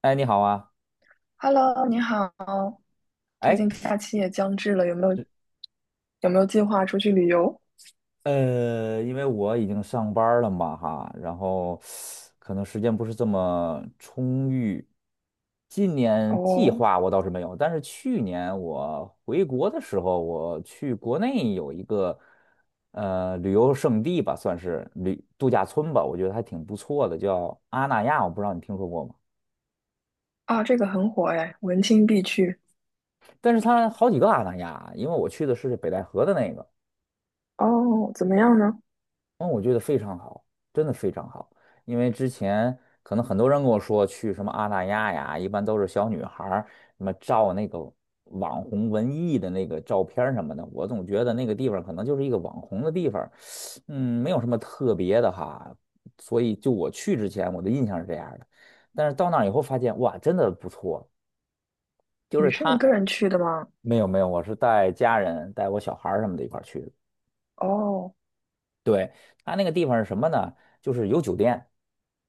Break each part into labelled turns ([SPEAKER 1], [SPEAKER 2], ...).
[SPEAKER 1] 哎，你好啊。
[SPEAKER 2] Hello，你好，最
[SPEAKER 1] 哎，
[SPEAKER 2] 近假期也将至了，有没有计划出去旅游？
[SPEAKER 1] 因为我已经上班儿了嘛，哈，然后可能时间不是这么充裕。今年计
[SPEAKER 2] 哦，
[SPEAKER 1] 划我倒是没有，但是去年我回国的时候，我去国内有一个旅游胜地吧，算是旅度假村吧，我觉得还挺不错的，叫阿那亚，我不知道你听说过吗？
[SPEAKER 2] 啊，这个很火哎，文青必去。
[SPEAKER 1] 但是它好几个阿那亚，因为我去的是北戴河的那个。
[SPEAKER 2] 哦，怎么样呢？
[SPEAKER 1] 嗯，我觉得非常好，真的非常好。因为之前可能很多人跟我说去什么阿那亚呀，一般都是小女孩儿什么照那个网红文艺的那个照片儿什么的，我总觉得那个地方可能就是一个网红的地方儿。没有什么特别的哈。所以就我去之前，我的印象是这样的，但是到那儿以后发现，哇，真的不错。就
[SPEAKER 2] 你
[SPEAKER 1] 是
[SPEAKER 2] 是一
[SPEAKER 1] 他
[SPEAKER 2] 个人去的吗？
[SPEAKER 1] 没有没有，我是带家人带我小孩儿什么的一块儿去的。
[SPEAKER 2] 哦，
[SPEAKER 1] 对，它那个地方是什么呢？就是有酒店，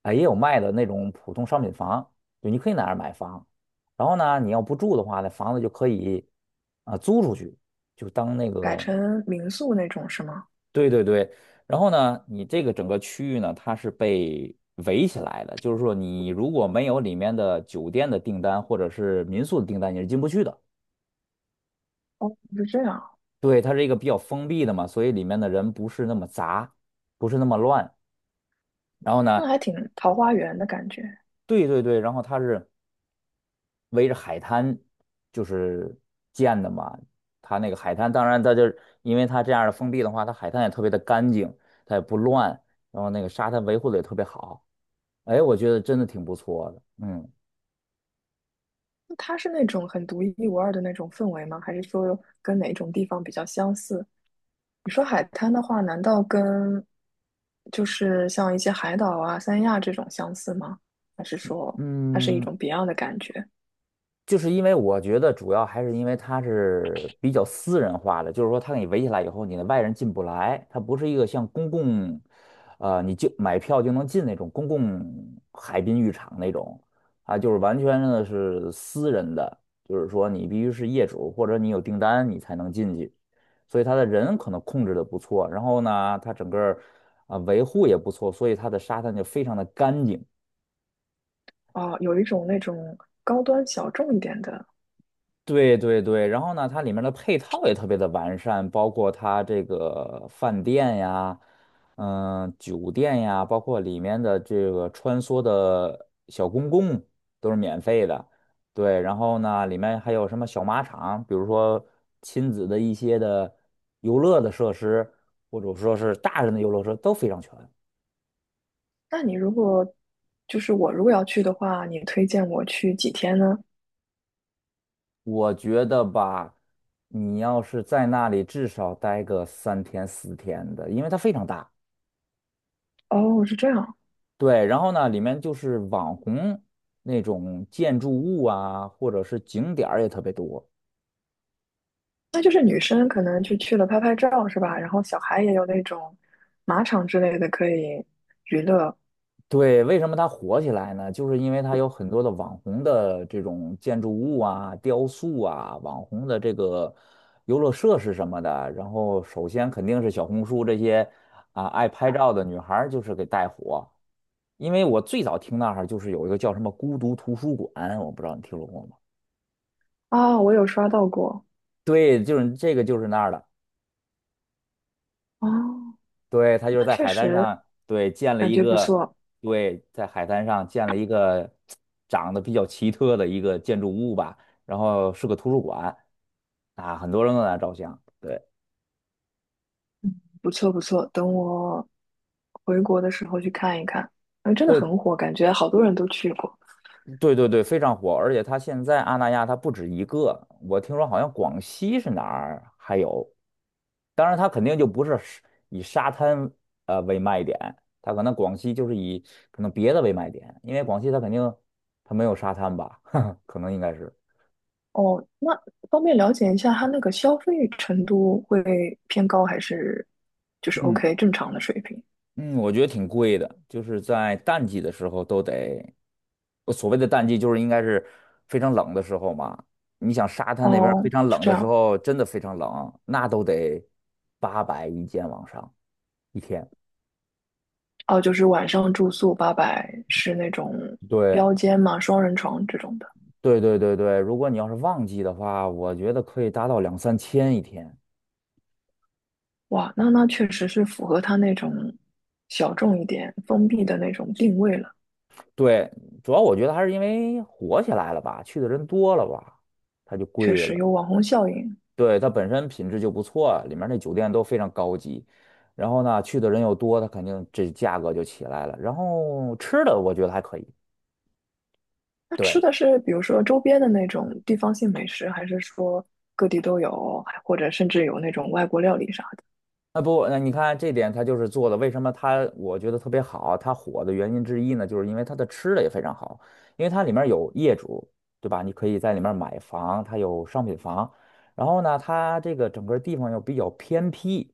[SPEAKER 1] 啊，也有卖的那种普通商品房。对，你可以在那儿买房。然后呢，你要不住的话，那房子就可以租出去，就当那
[SPEAKER 2] 改
[SPEAKER 1] 个，
[SPEAKER 2] 成民宿那种是吗？
[SPEAKER 1] 对对对。然后呢，你这个整个区域呢，它是被围起来的，就是说你如果没有里面的酒店的订单或者是民宿的订单，你是进不去的。
[SPEAKER 2] 是这样，
[SPEAKER 1] 对，它是一个比较封闭的嘛，所以里面的人不是那么杂，不是那么乱。然后
[SPEAKER 2] 那
[SPEAKER 1] 呢，
[SPEAKER 2] 还挺桃花源的感觉。
[SPEAKER 1] 对对对，然后它是，围着海滩就是建的嘛。它那个海滩，当然它就是因为它这样的封闭的话，它海滩也特别的干净，它也不乱，然后那个沙滩维护的也特别好。哎，我觉得真的挺不错的。嗯
[SPEAKER 2] 那它是那种很独一无二的那种氛围吗？还是说跟哪种地方比较相似？你说海滩的话，难道跟就是像一些海岛啊、三亚这种相似吗？还是说它是一
[SPEAKER 1] 嗯，
[SPEAKER 2] 种别样的感觉？
[SPEAKER 1] 就是因为我觉得主要还是因为它是比较私人化的，就是说它给你围起来以后，你的外人进不来，它不是一个像公共，你就买票就能进那种公共海滨浴场那种，就是完全的是私人的，就是说你必须是业主或者你有订单你才能进去，所以它的人可能控制的不错，然后呢，它整个维护也不错，所以它的沙滩就非常的干净。
[SPEAKER 2] 哦，有一种那种高端小众一点的。
[SPEAKER 1] 对对对，然后呢，它里面的配套也特别的完善，包括它这个饭店呀，酒店呀，包括里面的这个穿梭的小公共都是免费的。对，然后呢，里面还有什么小马场，比如说亲子的一些的游乐的设施，或者说是大人的游乐设施都非常全。
[SPEAKER 2] 那你如果就是我如果要去的话，你推荐我去几天呢？
[SPEAKER 1] 我觉得吧，你要是在那里至少待个3天4天的，因为它非常大。
[SPEAKER 2] 哦，是这样，
[SPEAKER 1] 对，然后呢，里面就是网红那种建筑物啊，或者是景点儿也特别多。
[SPEAKER 2] 那就是女生可能就去了拍拍照是吧？然后小孩也有那种马场之类的可以娱乐
[SPEAKER 1] 对，为什么它火起来呢？就是因为它有很多的网红的这种建筑物啊、雕塑啊、网红的这个游乐设施什么的。然后，首先肯定是小红书这些爱拍照的女孩儿就是给带火。因为我最早听那儿就是有一个叫什么孤独图书馆，我不知道你听说过吗？
[SPEAKER 2] 啊，我有刷到过。
[SPEAKER 1] 对，就是这个就是那儿的。
[SPEAKER 2] 哦，
[SPEAKER 1] 对，他就是
[SPEAKER 2] 那
[SPEAKER 1] 在
[SPEAKER 2] 确
[SPEAKER 1] 海滩
[SPEAKER 2] 实
[SPEAKER 1] 上，对，建了
[SPEAKER 2] 感
[SPEAKER 1] 一
[SPEAKER 2] 觉不
[SPEAKER 1] 个，
[SPEAKER 2] 错。
[SPEAKER 1] 对，在海滩上建了一个长得比较奇特的一个建筑物吧，然后是个图书馆啊，很多人都在那照相。对，
[SPEAKER 2] 不错不错，等我回国的时候去看一看。嗯，真的
[SPEAKER 1] 对，
[SPEAKER 2] 很火，感觉好多人都去过。
[SPEAKER 1] 对，对，对，非常火。而且他现在阿那亚它不止一个，我听说好像广西是哪儿还有，当然它肯定就不是以沙滩为卖点，它可能广西就是以可能别的为卖点，因为广西它肯定它没有沙滩吧，可能应该是。
[SPEAKER 2] 哦，那方便了解一下，它那个消费程度会偏高还是就是
[SPEAKER 1] 嗯
[SPEAKER 2] OK 正常的水平？
[SPEAKER 1] 嗯，我觉得挺贵的，就是在淡季的时候都得，我所谓的淡季就是应该是非常冷的时候嘛。你想沙滩那边儿非
[SPEAKER 2] 哦，
[SPEAKER 1] 常
[SPEAKER 2] 是
[SPEAKER 1] 冷
[SPEAKER 2] 这
[SPEAKER 1] 的时
[SPEAKER 2] 样。
[SPEAKER 1] 候，真的非常冷，那都得800一间往上一天。
[SPEAKER 2] 哦，就是晚上住宿800是那种
[SPEAKER 1] 对
[SPEAKER 2] 标间嘛，双人床这种的。
[SPEAKER 1] 对对对对，如果你要是旺季的话，我觉得可以达到两三千一天。
[SPEAKER 2] 哇，那那确实是符合他那种小众一点、封闭的那种定位了，
[SPEAKER 1] 对，主要我觉得还是因为火起来了吧，去的人多了吧，它就
[SPEAKER 2] 确
[SPEAKER 1] 贵
[SPEAKER 2] 实
[SPEAKER 1] 了。
[SPEAKER 2] 有网红效应。
[SPEAKER 1] 对，它本身品质就不错啊，里面那酒店都非常高级，然后呢，去的人又多，它肯定这价格就起来了。然后吃的我觉得还可以。
[SPEAKER 2] 那吃
[SPEAKER 1] 对，
[SPEAKER 2] 的是比如说周边的那种地方性美食，还是说各地都有，还或者甚至有那种外国料理啥的？
[SPEAKER 1] 那不，那你看这点它就是做的，为什么它我觉得特别好，它火的原因之一呢，就是因为它的吃的也非常好，因为它里面有业主，对吧？你可以在里面买房，它有商品房，然后呢，它这个整个地方又比较偏僻。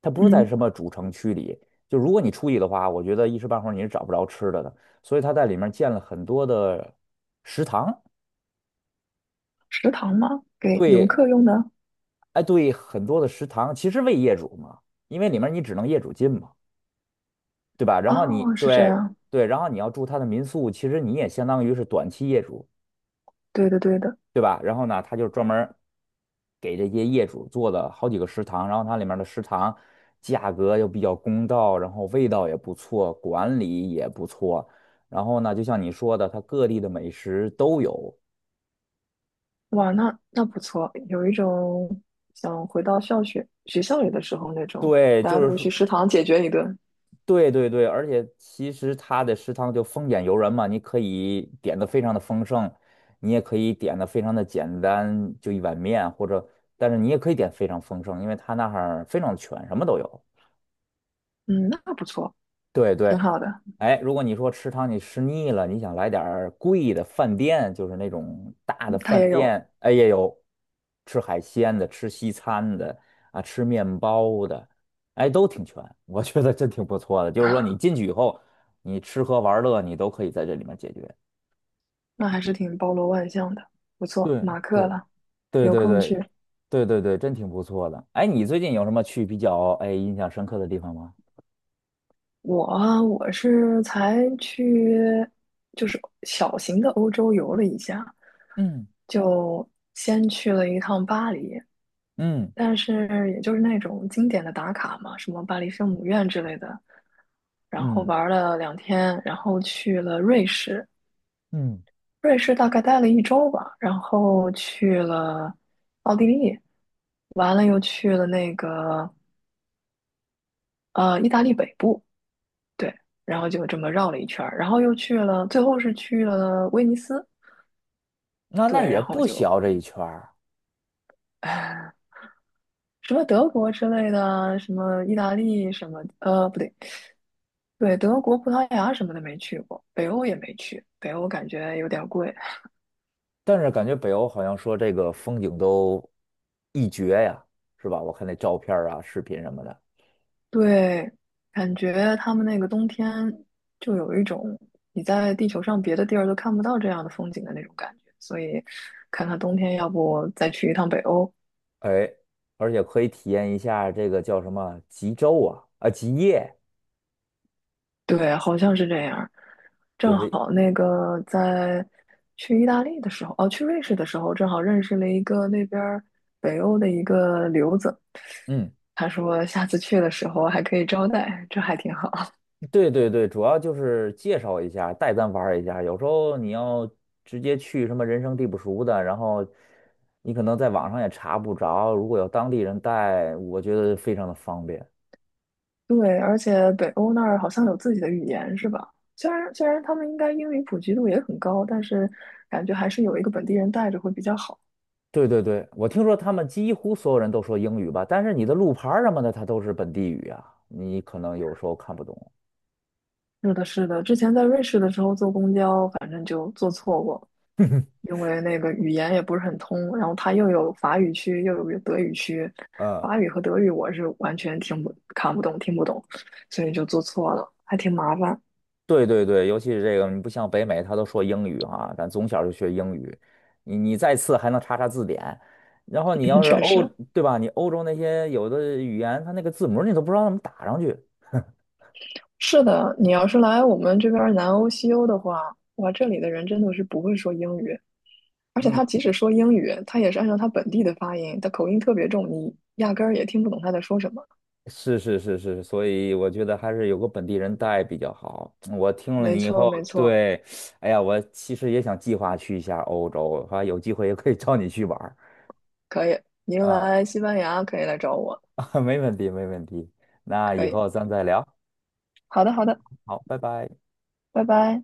[SPEAKER 1] 它不是在
[SPEAKER 2] 嗯，
[SPEAKER 1] 什么主城区里。就如果你出去的话，我觉得一时半会儿你是找不着吃的的。所以它在里面建了很多的食堂。
[SPEAKER 2] 食堂吗？给游
[SPEAKER 1] 对，
[SPEAKER 2] 客用的？
[SPEAKER 1] 哎，对，很多的食堂其实为业主嘛，因为里面你只能业主进嘛，对吧？然后你
[SPEAKER 2] 哦，是这
[SPEAKER 1] 对
[SPEAKER 2] 样。
[SPEAKER 1] 对，然后你要住它的民宿，其实你也相当于是短期业主。
[SPEAKER 2] 对的，对的。
[SPEAKER 1] 对吧？然后呢，他就专门给这些业主做了好几个食堂，然后它里面的食堂价格又比较公道，然后味道也不错，管理也不错。然后呢，就像你说的，它各地的美食都有。
[SPEAKER 2] 哇，那那不错，有一种想回到学校里的时候那种，
[SPEAKER 1] 对，
[SPEAKER 2] 大
[SPEAKER 1] 就
[SPEAKER 2] 家都
[SPEAKER 1] 是说，
[SPEAKER 2] 去食堂解决一顿。
[SPEAKER 1] 对对对，而且其实它的食堂就丰俭由人嘛，你可以点的非常的丰盛，你也可以点的非常的简单，就一碗面，或者，但是你也可以点非常丰盛，因为它那儿非常全，什么都有。
[SPEAKER 2] 嗯，那不错，
[SPEAKER 1] 对
[SPEAKER 2] 挺
[SPEAKER 1] 对，
[SPEAKER 2] 好的。
[SPEAKER 1] 哎，如果你说吃汤你吃腻了，你想来点儿贵的饭店，就是那种大的
[SPEAKER 2] 他
[SPEAKER 1] 饭
[SPEAKER 2] 也有，
[SPEAKER 1] 店，哎，也有吃海鲜的，吃西餐的，啊，吃面包的，哎，都挺全，我觉得真挺不错的。就是说你进去以后，你吃喝玩乐你都可以在这里面解决。
[SPEAKER 2] 那还是挺包罗万象的，不错。
[SPEAKER 1] 对
[SPEAKER 2] 马克了，
[SPEAKER 1] 对对
[SPEAKER 2] 有空
[SPEAKER 1] 对
[SPEAKER 2] 去。
[SPEAKER 1] 对对对对，真挺不错的。哎，你最近有什么去比较印象深刻的地方吗？
[SPEAKER 2] 我啊，我是才去，就是小型的欧洲游了一下，
[SPEAKER 1] 嗯
[SPEAKER 2] 就先去了一趟巴黎，
[SPEAKER 1] 嗯
[SPEAKER 2] 但是也就是那种经典的打卡嘛，什么巴黎圣母院之类的，然后
[SPEAKER 1] 嗯
[SPEAKER 2] 玩了两天，然后去了瑞士，
[SPEAKER 1] 嗯。
[SPEAKER 2] 瑞士大概待了一周吧，然后去了奥地利，完了又去了那个意大利北部。对，然后就这么绕了一圈儿，然后又去了，最后是去了威尼斯，
[SPEAKER 1] 那
[SPEAKER 2] 对，
[SPEAKER 1] 也
[SPEAKER 2] 然后
[SPEAKER 1] 不
[SPEAKER 2] 就，
[SPEAKER 1] 小这一圈儿。
[SPEAKER 2] 唉什么德国之类的啊，什么意大利什么，不对，对，德国、葡萄牙什么的没去过，北欧也没去，北欧感觉有点贵，
[SPEAKER 1] 但是感觉北欧好像说这个风景都一绝呀，是吧？我看那照片儿啊、视频什么的。
[SPEAKER 2] 对，感觉他们那个冬天就有一种你在地球上别的地儿都看不到这样的风景的那种感觉，所以看看冬天要不再去一趟北欧，
[SPEAKER 1] 哎，而且可以体验一下这个叫什么极昼啊，极夜。
[SPEAKER 2] 对，好像是这样。
[SPEAKER 1] 就
[SPEAKER 2] 正
[SPEAKER 1] 是
[SPEAKER 2] 好那个在去意大利的时候，哦，去瑞士的时候，正好认识了一个那边儿北欧的一个留子。
[SPEAKER 1] 嗯，
[SPEAKER 2] 他说下次去的时候还可以招待，这还挺好。
[SPEAKER 1] 对对对，主要就是介绍一下，带咱玩儿一下。有时候你要直接去什么人生地不熟的，然后你可能在网上也查不着，如果有当地人带，我觉得非常的方便。
[SPEAKER 2] 对，而且北欧那儿好像有自己的语言，是吧？虽然他们应该英语普及度也很高，但是感觉还是有一个本地人带着会比较好。
[SPEAKER 1] 对对对，我听说他们几乎所有人都说英语吧，但是你的路牌儿什么的，它都是本地语啊，你可能有时候看不懂。
[SPEAKER 2] 是的，是的，之前在瑞士的时候坐公交，反正就坐错过，因为那个语言也不是很通，然后它又有法语区，又有德语区，
[SPEAKER 1] 嗯，
[SPEAKER 2] 法语和德语我是完全听不看不懂、听不懂，所以就坐错了，还挺麻烦。
[SPEAKER 1] 对对对，尤其是这个，你不像北美，他都说英语啊，咱从小就学英语，你再次还能查查字典，然后你
[SPEAKER 2] 嗯，
[SPEAKER 1] 要是
[SPEAKER 2] 确
[SPEAKER 1] 欧，
[SPEAKER 2] 实
[SPEAKER 1] 对吧？你欧洲那些有的语言，它那个字母你都不知道怎么打上去。
[SPEAKER 2] 是的。你要是来我们这边儿南欧、西欧的话，哇，这里的人真的是不会说英语，而且
[SPEAKER 1] 嗯。
[SPEAKER 2] 他即使说英语，他也是按照他本地的发音，他口音特别重，你压根儿也听不懂他在说什么。
[SPEAKER 1] 是是是是，所以我觉得还是有个本地人带比较好。我听了
[SPEAKER 2] 没
[SPEAKER 1] 你以
[SPEAKER 2] 错，
[SPEAKER 1] 后，
[SPEAKER 2] 没错。
[SPEAKER 1] 对，哎呀，我其实也想计划去一下欧洲，还有机会也可以找你去玩儿
[SPEAKER 2] 可以，您
[SPEAKER 1] 啊，
[SPEAKER 2] 来西班牙可以来找我，
[SPEAKER 1] 没问题没问题。那
[SPEAKER 2] 可
[SPEAKER 1] 以
[SPEAKER 2] 以。
[SPEAKER 1] 后咱再聊，
[SPEAKER 2] 好的，好的，
[SPEAKER 1] 好，拜拜。
[SPEAKER 2] 拜拜。